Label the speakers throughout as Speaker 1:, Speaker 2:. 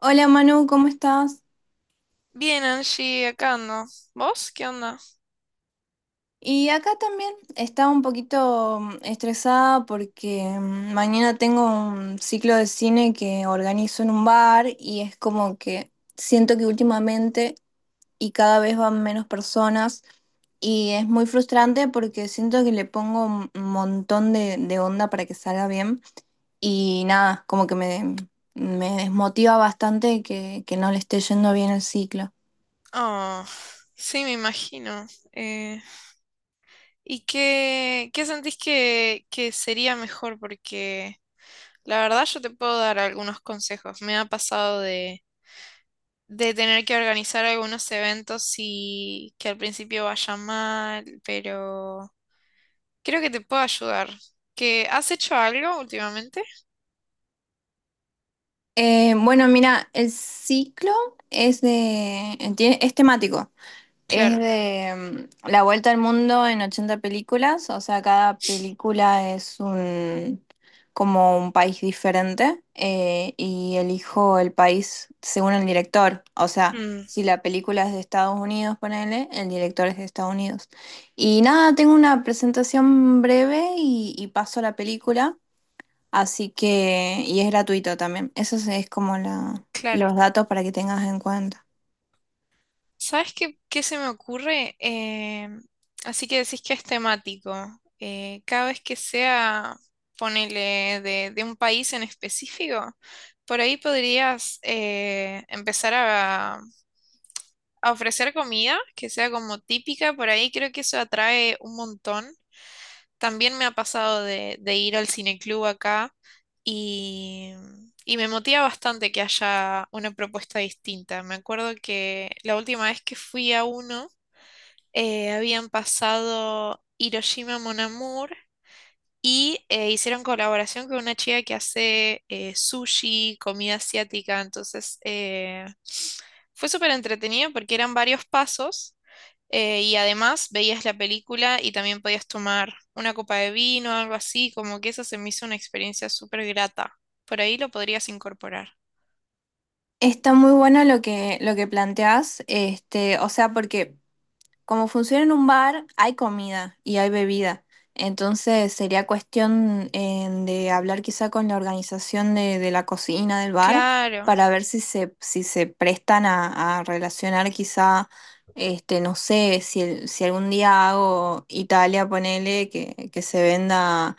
Speaker 1: Hola Manu, ¿cómo estás?
Speaker 2: Bien, Angie, acá ando. ¿Vos qué onda?
Speaker 1: Y acá también estaba un poquito estresada porque mañana tengo un ciclo de cine que organizo en un bar y es como que siento que últimamente y cada vez van menos personas, y es muy frustrante porque siento que le pongo un montón de onda para que salga bien. Y nada, como que me desmotiva bastante que no le esté yendo bien el ciclo.
Speaker 2: Oh, sí, me imagino. Eh, ¿Y qué sentís que sería mejor? Porque la verdad yo te puedo dar algunos consejos. Me ha pasado de tener que organizar algunos eventos y que al principio vaya mal, pero creo que te puedo ayudar. ¿Que has hecho algo últimamente?
Speaker 1: Bueno, mira, el ciclo es de, es temático. Es
Speaker 2: Claro.
Speaker 1: de la vuelta al mundo en 80 películas. O sea, cada película es un como un país diferente, y elijo el país según el director. O sea,
Speaker 2: Mm,
Speaker 1: si la película es de Estados Unidos, ponele, el director es de Estados Unidos. Y nada, tengo una presentación breve y paso a la película. Así que, y es gratuito también. Eso es como
Speaker 2: claro.
Speaker 1: los datos para que tengas en cuenta.
Speaker 2: ¿Sabes qué se me ocurre? Así que decís que es temático. Cada vez que sea, ponele, de un país en específico, por ahí podrías empezar a ofrecer comida que sea como típica. Por ahí creo que eso atrae un montón. También me ha pasado de ir al cineclub acá y, y me motiva bastante que haya una propuesta distinta. Me acuerdo que la última vez que fui a uno, habían pasado Hiroshima Mon Amour y hicieron colaboración con una chica que hace sushi, comida asiática. Entonces fue súper entretenido porque eran varios pasos y además veías la película y también podías tomar una copa de vino, algo así. Como que eso se me hizo una experiencia súper grata. Por ahí lo podrías incorporar.
Speaker 1: Está muy bueno lo lo que planteás, este, o sea, porque como funciona en un bar, hay comida y hay bebida. Entonces sería cuestión de hablar quizá con la organización de la cocina del bar
Speaker 2: Claro,
Speaker 1: para ver si si se prestan a relacionar quizá, este, no sé, si, si algún día hago Italia, ponele, que se venda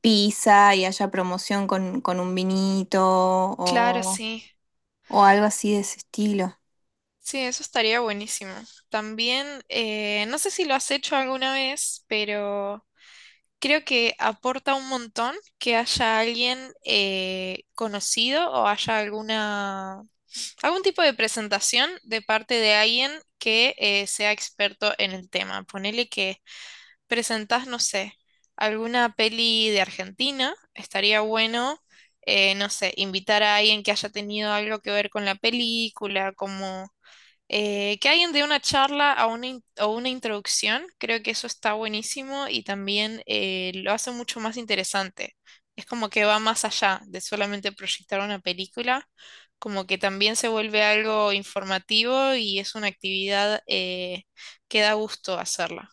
Speaker 1: pizza y haya promoción con un vinito
Speaker 2: claro, sí.
Speaker 1: o algo así de ese estilo.
Speaker 2: Sí, eso estaría buenísimo. También, no sé si lo has hecho alguna vez, pero creo que aporta un montón que haya alguien conocido o haya alguna, algún tipo de presentación de parte de alguien que sea experto en el tema. Ponele que presentás, no sé, alguna peli de Argentina, estaría bueno, no sé, invitar a alguien que haya tenido algo que ver con la película, como que alguien dé una charla a una o una introducción, creo que eso está buenísimo y también lo hace mucho más interesante. Es como que va más allá de solamente proyectar una película, como que también se vuelve algo informativo y es una actividad que da gusto hacerla.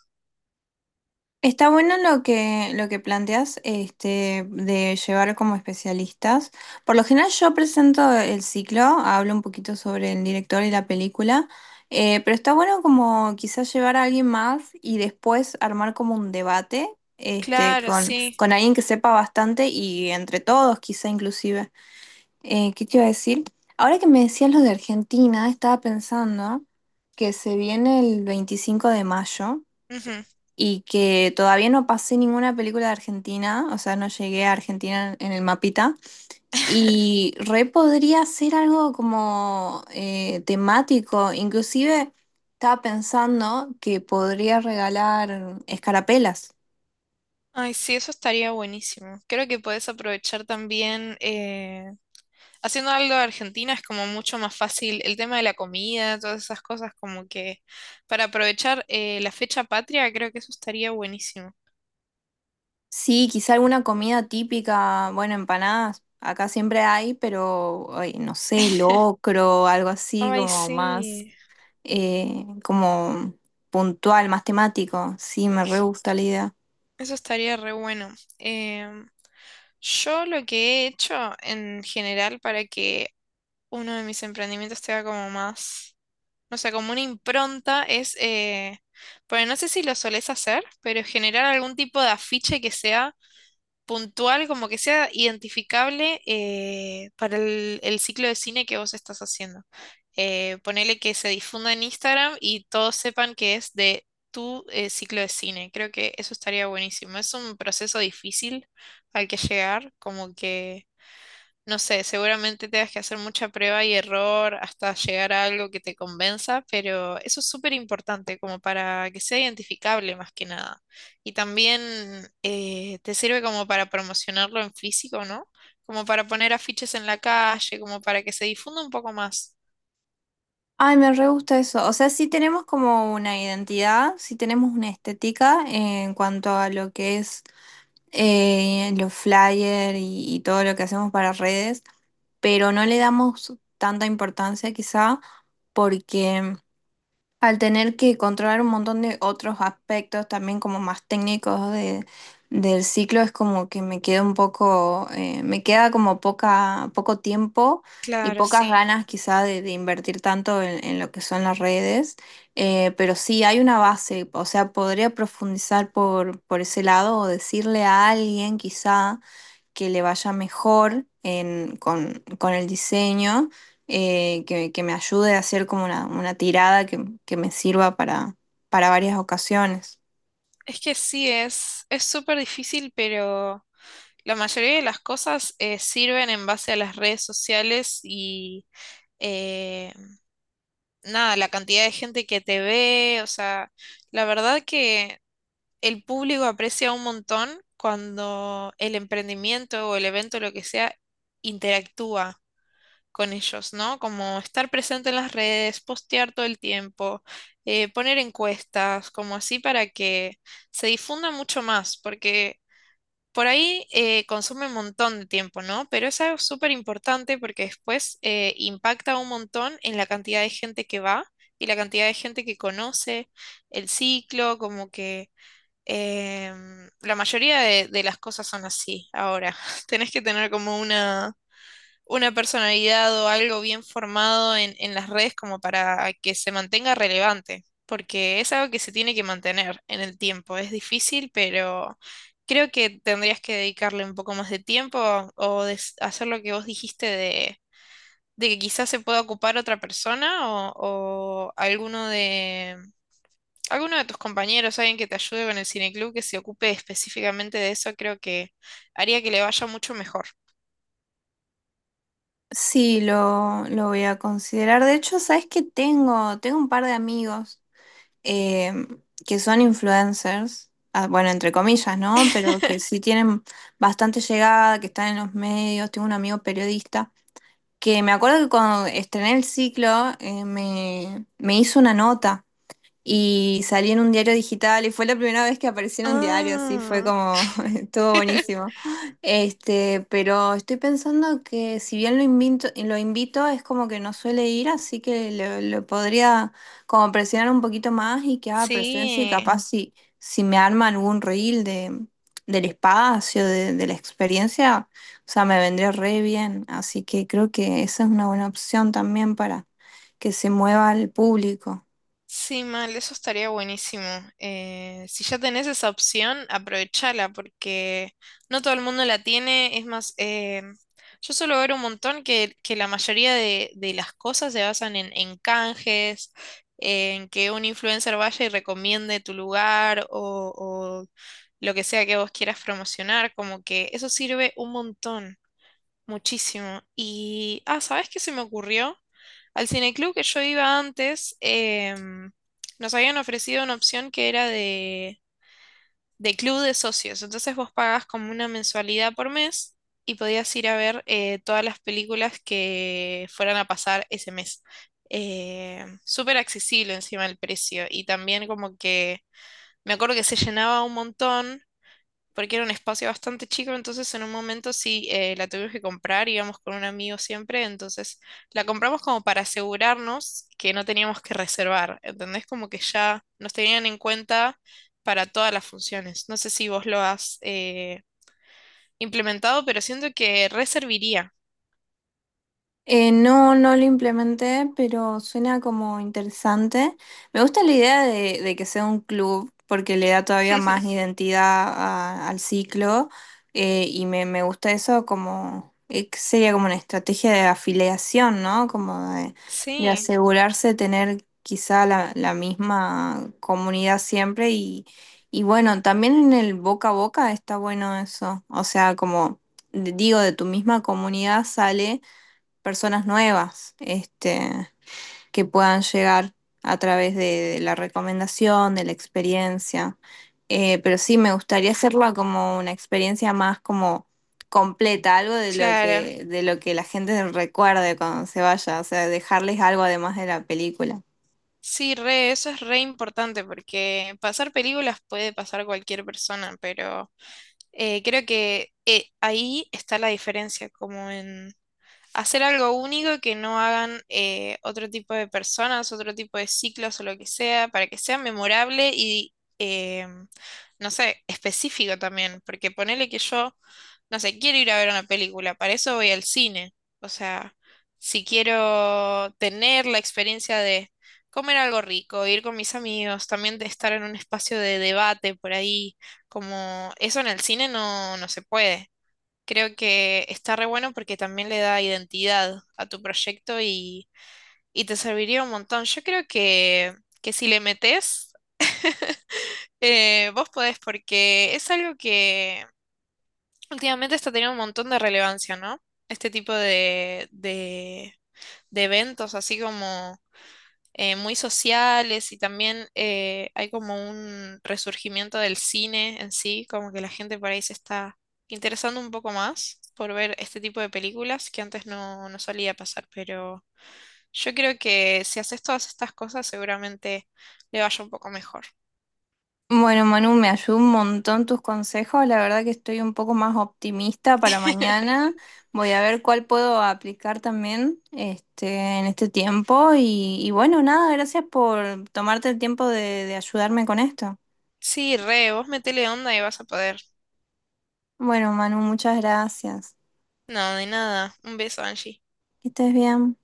Speaker 1: Está bueno lo lo que planteas este, de llevar como especialistas. Por lo general yo presento el ciclo, hablo un poquito sobre el director y la película. Pero está bueno como quizás llevar a alguien más y después armar como un debate este,
Speaker 2: Claro, sí.
Speaker 1: con alguien que sepa bastante y entre todos quizá inclusive. ¿Qué te iba a decir? Ahora que me decías lo de Argentina, estaba pensando que se viene el 25 de mayo
Speaker 2: Ujú.
Speaker 1: y que todavía no pasé ninguna película de Argentina. O sea, no llegué a Argentina en el mapita. Y re podría ser algo como temático. Inclusive estaba pensando que podría regalar escarapelas.
Speaker 2: Ay, sí, eso estaría buenísimo. Creo que puedes aprovechar también, haciendo algo de Argentina es como mucho más fácil el tema de la comida, todas esas cosas, como que para aprovechar la fecha patria, creo que eso estaría buenísimo.
Speaker 1: Sí, quizá alguna comida típica, bueno, empanadas, acá siempre hay, pero ay, no sé, locro, algo así
Speaker 2: Ay,
Speaker 1: como más,
Speaker 2: sí,
Speaker 1: como puntual, más temático. Sí, me re gusta la idea.
Speaker 2: eso estaría re bueno. Yo lo que he hecho en general para que uno de mis emprendimientos tenga como más... O sea, como una impronta es, bueno, no sé si lo solés hacer, pero generar algún tipo de afiche que sea puntual, como que sea identificable para el ciclo de cine que vos estás haciendo. Ponele que se difunda en Instagram y todos sepan que es de tu ciclo de cine. Creo que eso estaría buenísimo. Es un proceso difícil al que llegar, como que no sé, seguramente tengas que hacer mucha prueba y error hasta llegar a algo que te convenza, pero eso es súper importante como para que sea identificable más que nada. Y también te sirve como para promocionarlo en físico, ¿no? Como para poner afiches en la calle, como para que se difunda un poco más.
Speaker 1: Ay, me re gusta eso. O sea, sí tenemos como una identidad, sí tenemos una estética en cuanto a lo que es los flyers y todo lo que hacemos para redes, pero no le damos tanta importancia quizá porque al tener que controlar un montón de otros aspectos también como más técnicos de, del ciclo, es como que me queda un poco, me queda como poco tiempo y
Speaker 2: Claro,
Speaker 1: pocas
Speaker 2: sí.
Speaker 1: ganas quizá de invertir tanto en lo que son las redes. Pero sí hay una base, o sea, podría profundizar por ese lado o decirle a alguien quizá que le vaya mejor con el diseño, que me ayude a hacer como una tirada que me sirva para varias ocasiones.
Speaker 2: Es que sí, es súper difícil, pero la mayoría de las cosas sirven en base a las redes sociales y... eh, nada, la cantidad de gente que te ve, o sea, la verdad que el público aprecia un montón cuando el emprendimiento o el evento, lo que sea, interactúa con ellos, ¿no? Como estar presente en las redes, postear todo el tiempo, poner encuestas, como así para que se difunda mucho más, porque por ahí consume un montón de tiempo, ¿no? Pero es algo súper importante porque después impacta un montón en la cantidad de gente que va y la cantidad de gente que conoce el ciclo, como que la mayoría de las cosas son así ahora. Tenés que tener como una personalidad o algo bien formado en las redes como para que se mantenga relevante, porque es algo que se tiene que mantener en el tiempo. Es difícil, pero creo que tendrías que dedicarle un poco más de tiempo o hacer lo que vos dijiste de que quizás se pueda ocupar otra persona o alguno de... Alguno de tus compañeros, alguien que te ayude con el cineclub, que se ocupe específicamente de eso, creo que haría que le vaya mucho mejor.
Speaker 1: Sí, lo voy a considerar. De hecho, ¿sabes que tengo? Tengo un par de amigos eh, que son influencers, ah, bueno, entre comillas, ¿no? Pero que sí tienen bastante llegada, que están en los medios. Tengo un amigo periodista que me acuerdo que cuando estrené el ciclo me hizo una nota y salí en un diario digital y fue la primera vez que aparecí en un diario, así fue
Speaker 2: Ah.
Speaker 1: como, estuvo buenísimo. Este, pero estoy pensando que si bien lo invito, es como que no suele ir, así que lo podría como presionar un poquito más y que haga presencia, y
Speaker 2: Sí,
Speaker 1: capaz si, si me arma algún reel de, del espacio, de la experiencia, o sea, me vendría re bien. Así que creo que esa es una buena opción también para que se mueva el público.
Speaker 2: sí, mal, eso estaría buenísimo. Si ya tenés esa opción, aprovechala porque no todo el mundo la tiene. Es más, yo suelo ver un montón que la mayoría de las cosas se basan en canjes, en que un influencer vaya y recomiende tu lugar o lo que sea que vos quieras promocionar, como que eso sirve un montón. Muchísimo. Y, ah, ¿sabes qué se me ocurrió? Al cineclub que yo iba antes, nos habían ofrecido una opción que era de club de socios. Entonces vos pagabas como una mensualidad por mes y podías ir a ver todas las películas que fueran a pasar ese mes. Súper accesible encima el precio. Y también como que me acuerdo que se llenaba un montón porque era un espacio bastante chico, entonces en un momento sí la tuvimos que comprar, íbamos con un amigo siempre, entonces la compramos como para asegurarnos que no teníamos que reservar, ¿entendés? Como que ya nos tenían en cuenta para todas las funciones. No sé si vos lo has implementado, pero siento que reservaría.
Speaker 1: No, no lo implementé, pero suena como interesante. Me gusta la idea de que sea un club porque le da todavía más identidad al ciclo, y me gusta eso como, que sería como una estrategia de afiliación, ¿no? Como de
Speaker 2: Sí,
Speaker 1: asegurarse de tener quizá la misma comunidad siempre y bueno, también en el boca a boca está bueno eso, o sea, como... Digo, de tu misma comunidad sale personas nuevas, este, que puedan llegar a través de la recomendación, de la experiencia. Pero sí, me gustaría hacerla como una experiencia más como completa, algo de lo
Speaker 2: claro.
Speaker 1: de lo que la gente recuerde cuando se vaya, o sea, dejarles algo además de la película.
Speaker 2: Sí, re, eso es re importante porque pasar películas puede pasar cualquier persona, pero creo que ahí está la diferencia, como en, hacer algo único que no hagan otro tipo de personas, otro tipo de ciclos o lo que sea, para que sea memorable y, eh, no sé, específico también, porque ponele que yo, no sé, quiero ir a ver una película, para eso voy al cine, o sea, si quiero tener la experiencia de comer algo rico, ir con mis amigos, también de estar en un espacio de debate por ahí, como eso en el cine no, no se puede. Creo que está re bueno porque también le da identidad a tu proyecto y te serviría un montón. Yo creo que si le metes, vos podés porque es algo que últimamente está teniendo un montón de relevancia, ¿no? Este tipo de eventos, así como muy sociales y también hay como un resurgimiento del cine en sí, como que la gente por ahí se está interesando un poco más por ver este tipo de películas que antes no, no solía pasar, pero yo creo que si haces todas estas cosas seguramente le vaya un poco mejor.
Speaker 1: Bueno, Manu, me ayudó un montón tus consejos. La verdad que estoy un poco más optimista para mañana. Voy a ver cuál puedo aplicar también este, en este tiempo. Y bueno, nada, gracias por tomarte el tiempo de ayudarme con esto.
Speaker 2: Sí, re, vos metele onda y vas a poder.
Speaker 1: Bueno, Manu, muchas gracias.
Speaker 2: No, de nada. Un beso, Angie.
Speaker 1: Que estés bien.